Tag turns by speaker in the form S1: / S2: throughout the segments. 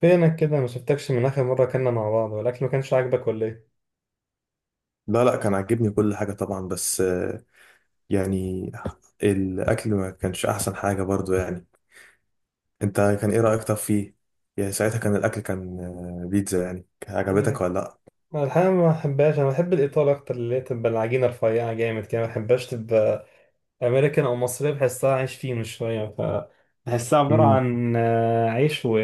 S1: فينك كده ما شفتكش من اخر مره كنا مع بعض والاكل ما كانش عاجبك ولا ايه
S2: لا لا كان عاجبني كل حاجة طبعا، بس يعني الأكل ما كانش أحسن حاجة برضو يعني. أنت كان إيه رأيك طب فيه؟ يعني ساعتها كان الأكل كان آه، بيتزا، يعني كان عجبتك
S1: إيه.
S2: ولا لأ؟
S1: انا الحقيقه ما بحبهاش، انا بحب الايطالي اكتر اللي هي تبقى العجينه رفيعه جامد كده، ما بحبهاش تبقى امريكان او مصرية، بحسها عايش فيه من شوية. ف بحسها عبارة
S2: مم.
S1: عن عيش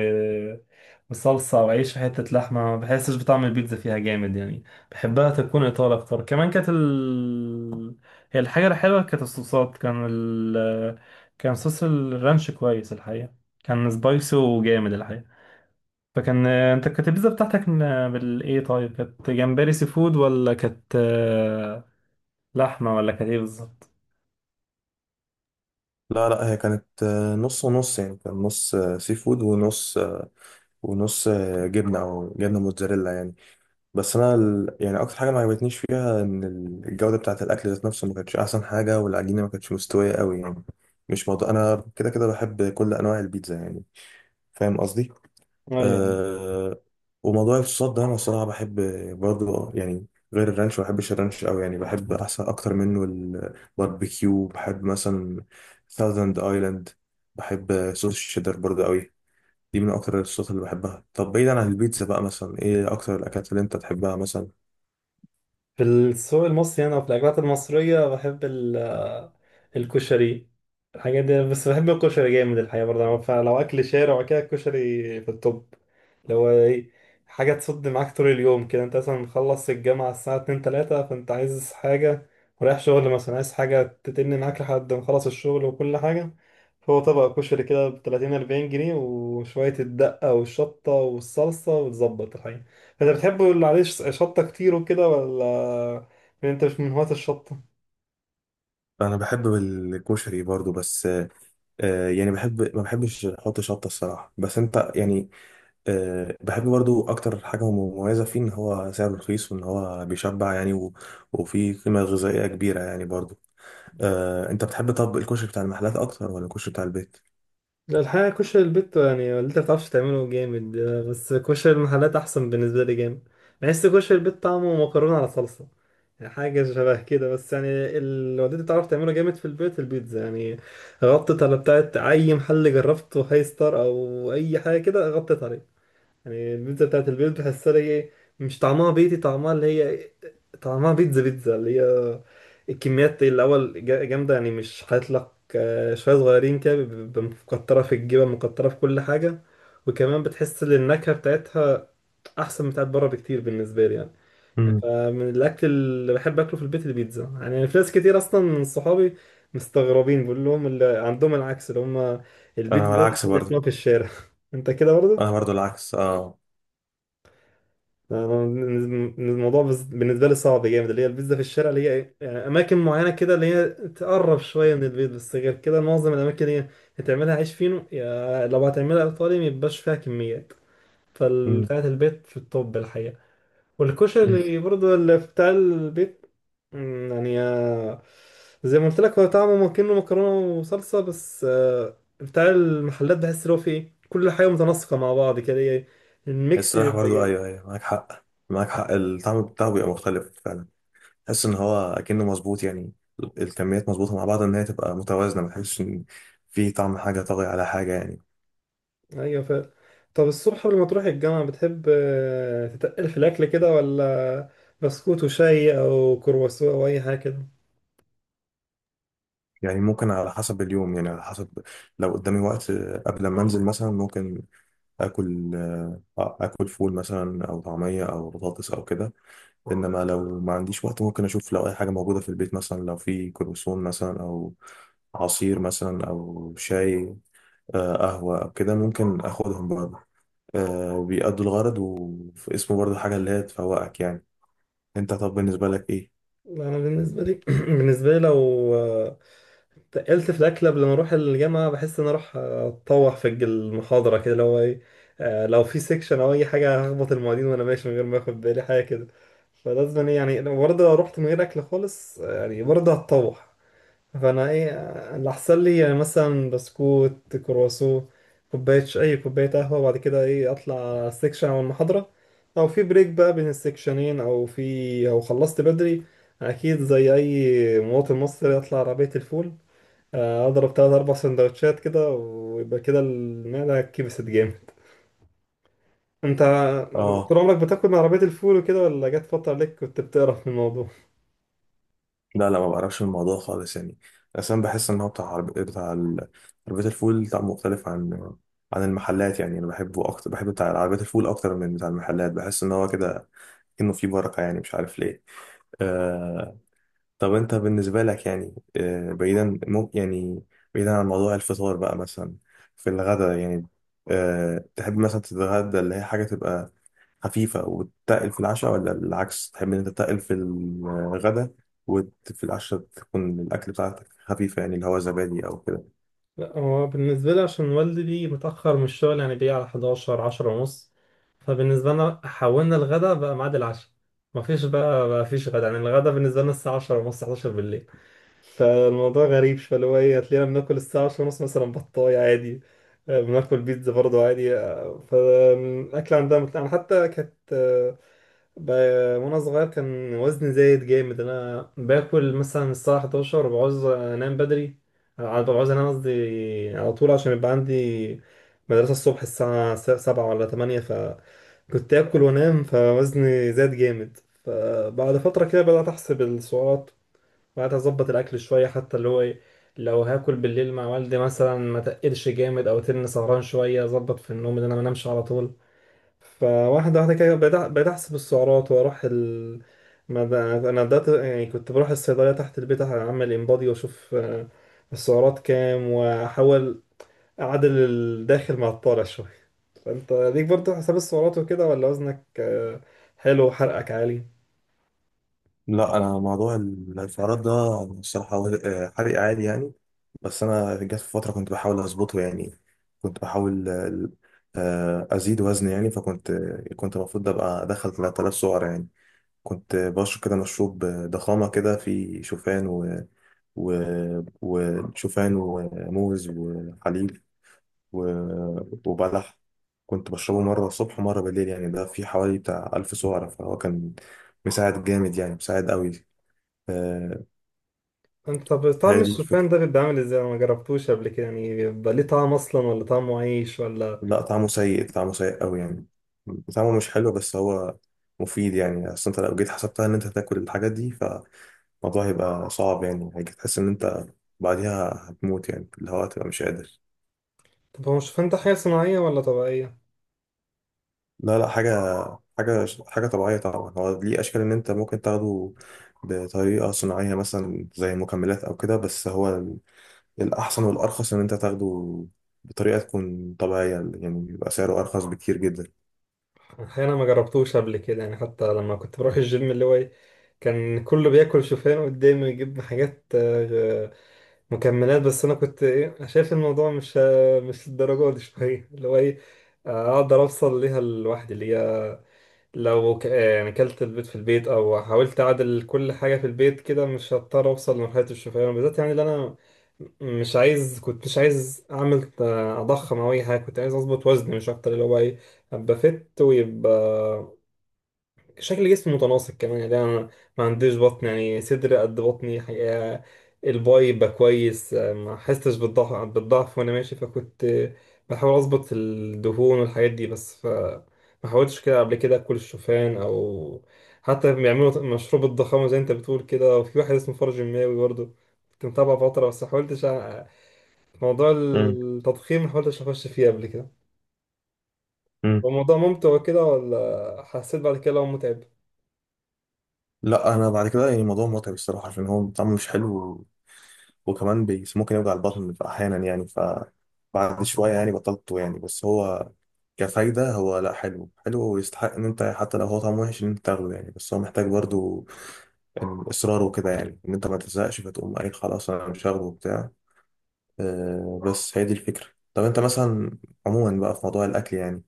S1: وصلصة وعيش وحتة لحمة، ما بحسش بطعم البيتزا فيها جامد يعني. بحبها تكون إيطالي أكتر. كمان كانت هي الحاجة الحلوة كانت الصوصات. كان كان صوص الرانش كويس الحقيقة، كان سبايسي وجامد الحقيقة. فكان، انت كانت البيتزا بتاعتك بالإيه؟ طيب، كانت جمبري سي فود، ولا كانت لحمة، ولا كانت إيه بالظبط؟
S2: لا لا هي كانت نص ونص، يعني كان نص سي فود، ونص جبنة أو جبنة موتزاريلا يعني. بس أنا يعني أكتر حاجة ما عجبتنيش فيها إن الجودة بتاعة الأكل ذات نفسه ما كانتش أحسن حاجة، والعجينة ما كانتش مستوية قوي يعني. مش موضوع، أنا كده كده بحب كل أنواع البيتزا يعني، فاهم قصدي؟ آه وموضوع الصوصات ده انا الصراحه بحب برضو يعني، غير الرانش ما بحبش الرانش قوي يعني، بحب احسن اكتر منه. الباربيكيو بحب مثلا، ثاوزند ايلاند، بحب صوص الشيدر برضو قوي. دي من اكتر الصوصات اللي بحبها. طب بعيدا عن البيتزا بقى، مثلا ايه اكتر الاكلات اللي انت تحبها مثلا؟
S1: في السوق المصري هنا وفي الأكلات المصرية بحب الكشري، الحاجات دي. بس بحب الكشري جامد الحقيقة برضه. فلو أكل شارع وكده، الكشري في التوب. اللي هو إيه، حاجة تصد معاك طول اليوم كده. أنت مثلا مخلص الجامعة الساعة اتنين تلاتة، فأنت عايز حاجة ورايح شغل مثلا، عايز حاجة تتن معاك لحد ما خلص الشغل وكل حاجة. فهو طبق كشري كده بتلاتين أربعين جنيه وشوية الدقة والشطة والصلصة وتظبط الحقيقة. انت بتحب اللي عليه شطة كتير وكده، ولا يعني انت مش من هواة الشطة؟
S2: انا بحب الكشري برضو، بس يعني بحب، ما بحبش احط شطه الصراحه، بس انت يعني. أه بحب برضو. أكتر حاجة مميزة فيه إن هو سعره رخيص، وإن هو بيشبع يعني وفيه قيمة غذائية كبيرة يعني برضو. أه، أنت بتحب طب الكشري بتاع المحلات أكتر ولا الكشري بتاع البيت؟
S1: لا، الحقيقة كشري البيت يعني اللي انت بتعرفش تعمله جامد، بس كشري المحلات أحسن بالنسبة لي جامد. بحس كشري البيت طعمه مكرونة على صلصة يعني، حاجة شبه كده بس يعني. اللي والدتي بتعرف تعمله جامد في البيت البيتزا يعني، غطت على بتاعت أي محل جربته، هاي ستار أو أي حاجة كده، غطت عليه. يعني البيتزا بتاعت البيت بحسها اللي هي، مش طعمها بيتي، طعمها اللي هي، طعمها بيتزا بيتزا، اللي هي الكميات الأول جامدة يعني، مش هيطلق شوية صغيرين كده، بيبقى مكترة في الجبن مكترة في كل حاجة. وكمان بتحس إن النكهة بتاعتها أحسن بتاعت بره بكتير بالنسبة لي يعني.
S2: مم.
S1: فمن الأكل اللي بحب أكله في البيت البيتزا يعني، في ناس كتير أصلا من صحابي مستغربين، بقول لهم اللي عندهم العكس، اللي هم البيتزا
S2: أنا
S1: ده
S2: العكس
S1: تاكل من
S2: برضو،
S1: هناك في الشارع. أنت كده
S2: أنا
S1: برضه؟
S2: برضو العكس، أه.
S1: الموضوع بالنسبة لي صعب جامد، اللي هي البيتزا في الشارع اللي هي إيه، يعني أماكن معينة كده اللي هي تقرب شوية من البيت، بس غير كده معظم الأماكن اللي هي هتعملها عيش فينو، يا لو هتعملها إيطالي ميبقاش فيها كميات.
S2: مم.
S1: فبتاعة البيت في الطب الحقيقة، والكشري اللي برضه اللي بتاع البيت. مم، يعني زي ما قلت لك، هو طعمه ممكنه مكرونة وصلصة، بس بتاع المحلات بحس اللي هو فيه إيه، كل حاجة متناسقة مع بعض كده، هي الميكس
S2: الصراحة
S1: بيبقى
S2: برضو، أيوه
S1: جامد.
S2: أيوه، معاك حق معاك حق، الطعم بتاعه بيبقى مختلف فعلا. تحس إن هو أكنه مظبوط يعني. الكميات مظبوطة مع بعض، إن هي تبقى متوازنة، ما تحسش إن في طعم حاجة طاغي على حاجة يعني.
S1: ايوه طب الصبح قبل ما تروح الجامعة بتحب تتقل في الأكل كده، ولا بسكوت وشاي أو كرواسون أو أي حاجة كده؟
S2: يعني ممكن على حسب اليوم، يعني على حسب. لو قدامي وقت قبل ما انزل مثلا، ممكن اكل آه، آه، اكل فول مثلا، او طعميه، او بطاطس، او كده. انما لو ما عنديش وقت، ممكن اشوف لو اي حاجه موجوده في البيت مثلا، لو في كروسون مثلا، او عصير مثلا، او شاي قهوه، او كده ممكن اخدهم برضه. بيأدوا الغرض، وفي اسمه برضه حاجه اللي هي تفوقك يعني. انت طب بالنسبه لك ايه؟
S1: لا، أنا بالنسبة لي بالنسبة لي لو آه، تقلت في الأكل قبل ما أروح الجامعة، بحس إن أنا أروح أتطوح في المحاضرة كده. لو إيه، لو في سيكشن أو أي حاجة، هخبط المعيدين وأنا ماشي من غير ما آخد بالي حاجة كده. فلازم إيه يعني، لو برضه لو رحت من غير أكل خالص، يعني برضه هتطوح. فانا ايه اللي احسن لي يعني، مثلا بسكوت كرواسو كوبايه اي كوبايه قهوه، وبعد كده ايه اطلع على السكشن او المحاضره، او في بريك بقى بين السكشنين او في او خلصت بدري، اكيد زي اي مواطن مصري اطلع عربيه الفول، اضرب تلات اربع سندوتشات كده ويبقى كده المعده كبست جامد. انت
S2: اه.
S1: طول عمرك بتاكل من عربيه الفول وكده، ولا جت فتره عليك كنت بتقرف من الموضوع؟
S2: لا لا، ما بعرفش الموضوع خالص يعني. اصلا بحس ان هو بتاع عربية الفول بتاع، مختلف عن المحلات يعني. انا بحبه اكتر، بحب بتاع عربية الفول اكتر من بتاع المحلات، بحس ان هو كده انه فيه بركة يعني، مش عارف ليه. آه... طب انت بالنسبة لك يعني، بعيدا ممكن يعني، بعيدا عن موضوع الفطار بقى، مثلا في الغداء يعني. تحب مثلا تتغدى اللي هي حاجة تبقى خفيفة وتتقل في العشاء، ولا بالعكس تحب إن أنت تتقل في الغدا وفي العشاء تكون الأكل بتاعتك خفيفة، يعني اللي هو زبادي أو كده؟
S1: لا، هو بالنسبة لي عشان والدي بيجي متأخر من الشغل يعني، بيجي على 11 10 ونص. فبالنسبة لنا حولنا الغدا بقى ميعاد العشاء، مفيش بقى مفيش غدا يعني. الغدا بالنسبة لنا الساعة 10 ونص 11 بالليل، فالموضوع غريب. فاللي هو ايه، هتلاقينا بناكل الساعة 10 ونص مثلا بطاية عادي، بناكل بيتزا برضه عادي. فالأكل عندها أنا حتى كانت، ب- وأنا صغير كان وزني زايد جامد. أنا باكل مثلا الساعة 11 وبعوز أنام بدري، بعوز أنام قصدي على طول، عشان يبقى عندي مدرسة الصبح الساعة 7 ولا 8، فكنت آكل وأنام فوزني زاد جامد. فبعد فترة كده بدأت أحسب السعرات، بعد اظبط الاكل شويه. حتى اللي هو ايه، لو هاكل بالليل مع والدي مثلا ما تقلش جامد، او تن سهران شويه اظبط في النوم ان انا ما انامش على طول. فواحده واحده كده بقيت احسب السعرات واروح ال ما ب- انا بدات يعني، كنت بروح الصيدليه تحت البيت اعمل انبادي واشوف السعرات كام، واحاول اعدل الداخل مع الطالع شويه. فانت ليك برضه حساب السعرات وكده، ولا وزنك حلو وحرقك عالي؟
S2: لا أنا موضوع السعرات ده، الصراحة حرق عادي يعني. بس أنا جت في فترة كنت بحاول أظبطه يعني، كنت بحاول أزيد وزن يعني. فكنت المفروض أبقى أدخل 3000 سعر يعني، كنت بشرب كده مشروب ضخامة كده فيه و... وشوفان وموز وحليب وبلح. كنت بشربه مرة الصبح ومرة بالليل يعني، ده في حوالي بتاع 1000 سعرة، فهو كان مساعد جامد يعني، مساعد قوي. آه،
S1: انت طب طعم
S2: هي دي
S1: الشوفان
S2: الفكرة.
S1: ده بيبقى عامل ازاي؟ انا ما جربتوش قبل كده يعني. بيبقى ليه طعم اصلا، ولا طعمه عيش ولا؟
S2: لا طعمه سيء، طعمه سيء قوي يعني، طعمه مش حلو، بس هو مفيد يعني. أصل أنت لو جيت حسبتها إن أنت هتاكل الحاجات دي، فالموضوع هيبقى صعب يعني، هيجي تحس إن أنت بعديها هتموت يعني، اللي هو هتبقى مش قادر.
S1: طب هو الشوفان ده حاجه صناعيه ولا طبيعيه؟
S2: لا لا، حاجة طبيعية طبعا. هو ليه أشكال إن أنت ممكن تاخده بطريقة صناعية مثلا زي مكملات أو كده، بس هو الأحسن والأرخص إن أنت تاخده بطريقة تكون طبيعية يعني، بيبقى سعره أرخص بكتير جدا.
S1: احيانا ما جربتوش قبل كده يعني. حتى لما كنت بروح الجيم، اللي هو ايه، كان كله بياكل شوفان قدامي ويجيب حاجات مكملات، بس انا كنت ايه شايف الموضوع مش مش الدرجه دي شويه، اللي هو ايه، اقدر اوصل ليها لوحدي، اللي هي لو يعني كلت البيض في البيت او حاولت اعدل كل حاجه في البيت كده، مش هضطر اوصل لمرحله الشوفان بالذات يعني. اللي انا مش عايز، كنت مش عايز اعمل اضخم او اي حاجه، كنت عايز اظبط وزني مش اكتر. اللي هو ايه، ابقى فت ويبقى شكل جسمي متناسق كمان يعني. انا ما عنديش بطن يعني، صدر قد بطني حقيقة، الباي يبقى كويس، ما حستش بالضعف بالضعف وانا ماشي. فكنت بحاول اظبط الدهون والحاجات دي. بس ف ما حاولتش كده قبل كده اكل الشوفان، او حتى بيعملوا مشروب الضخامه زي انت بتقول كده، وفي واحد اسمه فرج الماوي برضه كنت متابعه فتره، بس ما حاولتش موضوع
S2: امم.
S1: التضخيم ما حاولتش اخش فيه قبل كده. هو
S2: امم.
S1: الموضوع ممتع وكده، ولا حسيت بعد كده لو متعب؟
S2: لا، أنا بعد كده يعني الموضوع متعب الصراحة عشان هو طعمه مش حلو، وكمان ممكن يوجع البطن أحيانا يعني. بعد شوية يعني بطلته يعني، بس هو كفايدة هو لا، حلو حلو ويستحق إن أنت حتى لو هو طعمه وحش إن أنت تاخده يعني، بس هو محتاج برضو يعني اصرار وكده، يعني ان انت ما تزهقش فتقوم قايل خلاص انا مش هاخده وبتاع. بس هي دي الفكره. طب انت مثلا عموما بقى في موضوع الاكل يعني،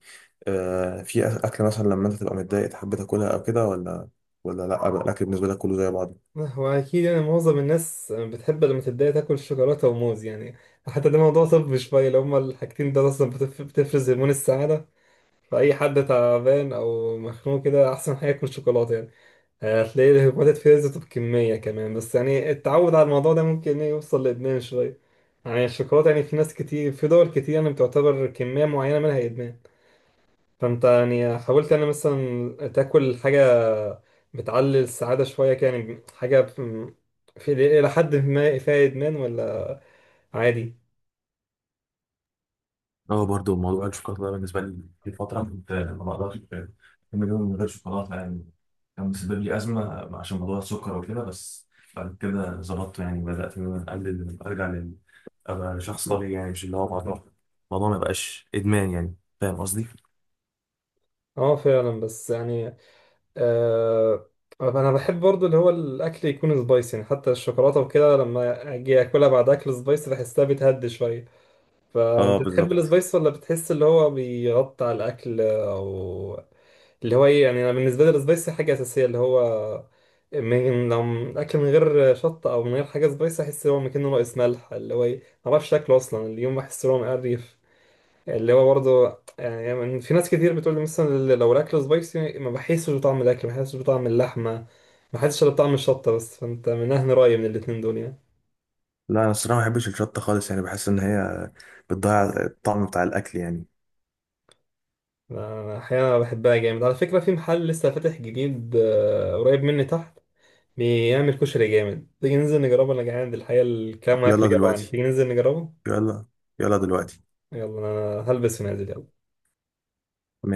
S2: في اكل مثلا لما انت تبقى متضايق تحب تاكلها او كده، ولا لا بقى الاكل بالنسبه لك كله زي بعضه؟
S1: هو أكيد يعني معظم الناس بتحب لما تبدأ تاكل شوكولاتة وموز يعني، حتى ده موضوع طبي شوية. لو هما الحاجتين دول أصلا بتفرز هرمون السعادة، فأي حد تعبان أو مخنوق كده أحسن حاجة ياكل شوكولاتة يعني. هتلاقي الهرمونات اتفرزت بكمية كمان، بس يعني التعود على الموضوع ده ممكن إيه يوصل لإدمان شوية يعني. الشوكولاتة يعني في ناس كتير في دول كتير يعني بتعتبر كمية معينة منها إدمان. فانت يعني حاولت يعني مثلا تاكل حاجة بتعلي السعادة شوية كده يعني، حاجة في- إلى حد ما فيها إدمان، ولا عادي؟
S2: اه برضو موضوع الشوكولاته ده بالنسبه لي، في فتره كنت ما بقدرش اكمل يوم من غير شوكولاته يعني، كان بالنسبه لي ازمه عشان موضوع السكر وكده. بس بعد كده ظبطته يعني، بدات ان انا اقلل، ارجع ابقى شخص طبيعي يعني، مش اللي هو الموضوع ما يبقاش ادمان يعني، فاهم قصدي؟
S1: اه فعلا بس يعني، آه، أنا بحب برضو اللي هو الأكل يكون سبايسي يعني. حتى الشوكولاتة وكده لما أجي أكلها بعد أكل سبايسي بحسها بتهدي شوية.
S2: اه
S1: فانت تحب
S2: بالظبط.
S1: السبايس، ولا بتحس اللي هو بيغطي على الاكل او اللي هو ايه؟ يعني انا بالنسبه لي السبايسي حاجه اساسيه، اللي هو من، لو الاكل من غير شطه او من غير حاجه سبايسي احس ان هو مكانه ناقص ملح. اللي هو ايه، ما بعرفش شكله اصلا اليوم، بحس ان هو مقرف. اللي هو برضه يعني، يعني في ناس كتير بتقول لي مثلا، لو الاكل سبايسي ما بحسش بطعم الاكل، ما بحسش بطعم اللحمه، ما بحسش إلا بطعم الشطه بس. فانت من اهل رايي من الاتنين دول يعني؟
S2: لا انا الصراحه ما بحبش الشطه خالص يعني، بحس ان هي بتضيع الطعم بتاع الاكل يعني.
S1: أنا أحيانا بحبها جامد على فكرة. في محل لسه فاتح جديد قريب مني تحت، بيعمل كشري جامد. تيجي ننزل نجربه؟ أنا جعان الحقيقة، الكلام معاك
S2: يلا
S1: اللي جوعني.
S2: دلوقتي،
S1: تيجي ننزل نجربه؟
S2: يلا، يلا دلوقتي.
S1: يلا أنا هلبس ونازل، يلا.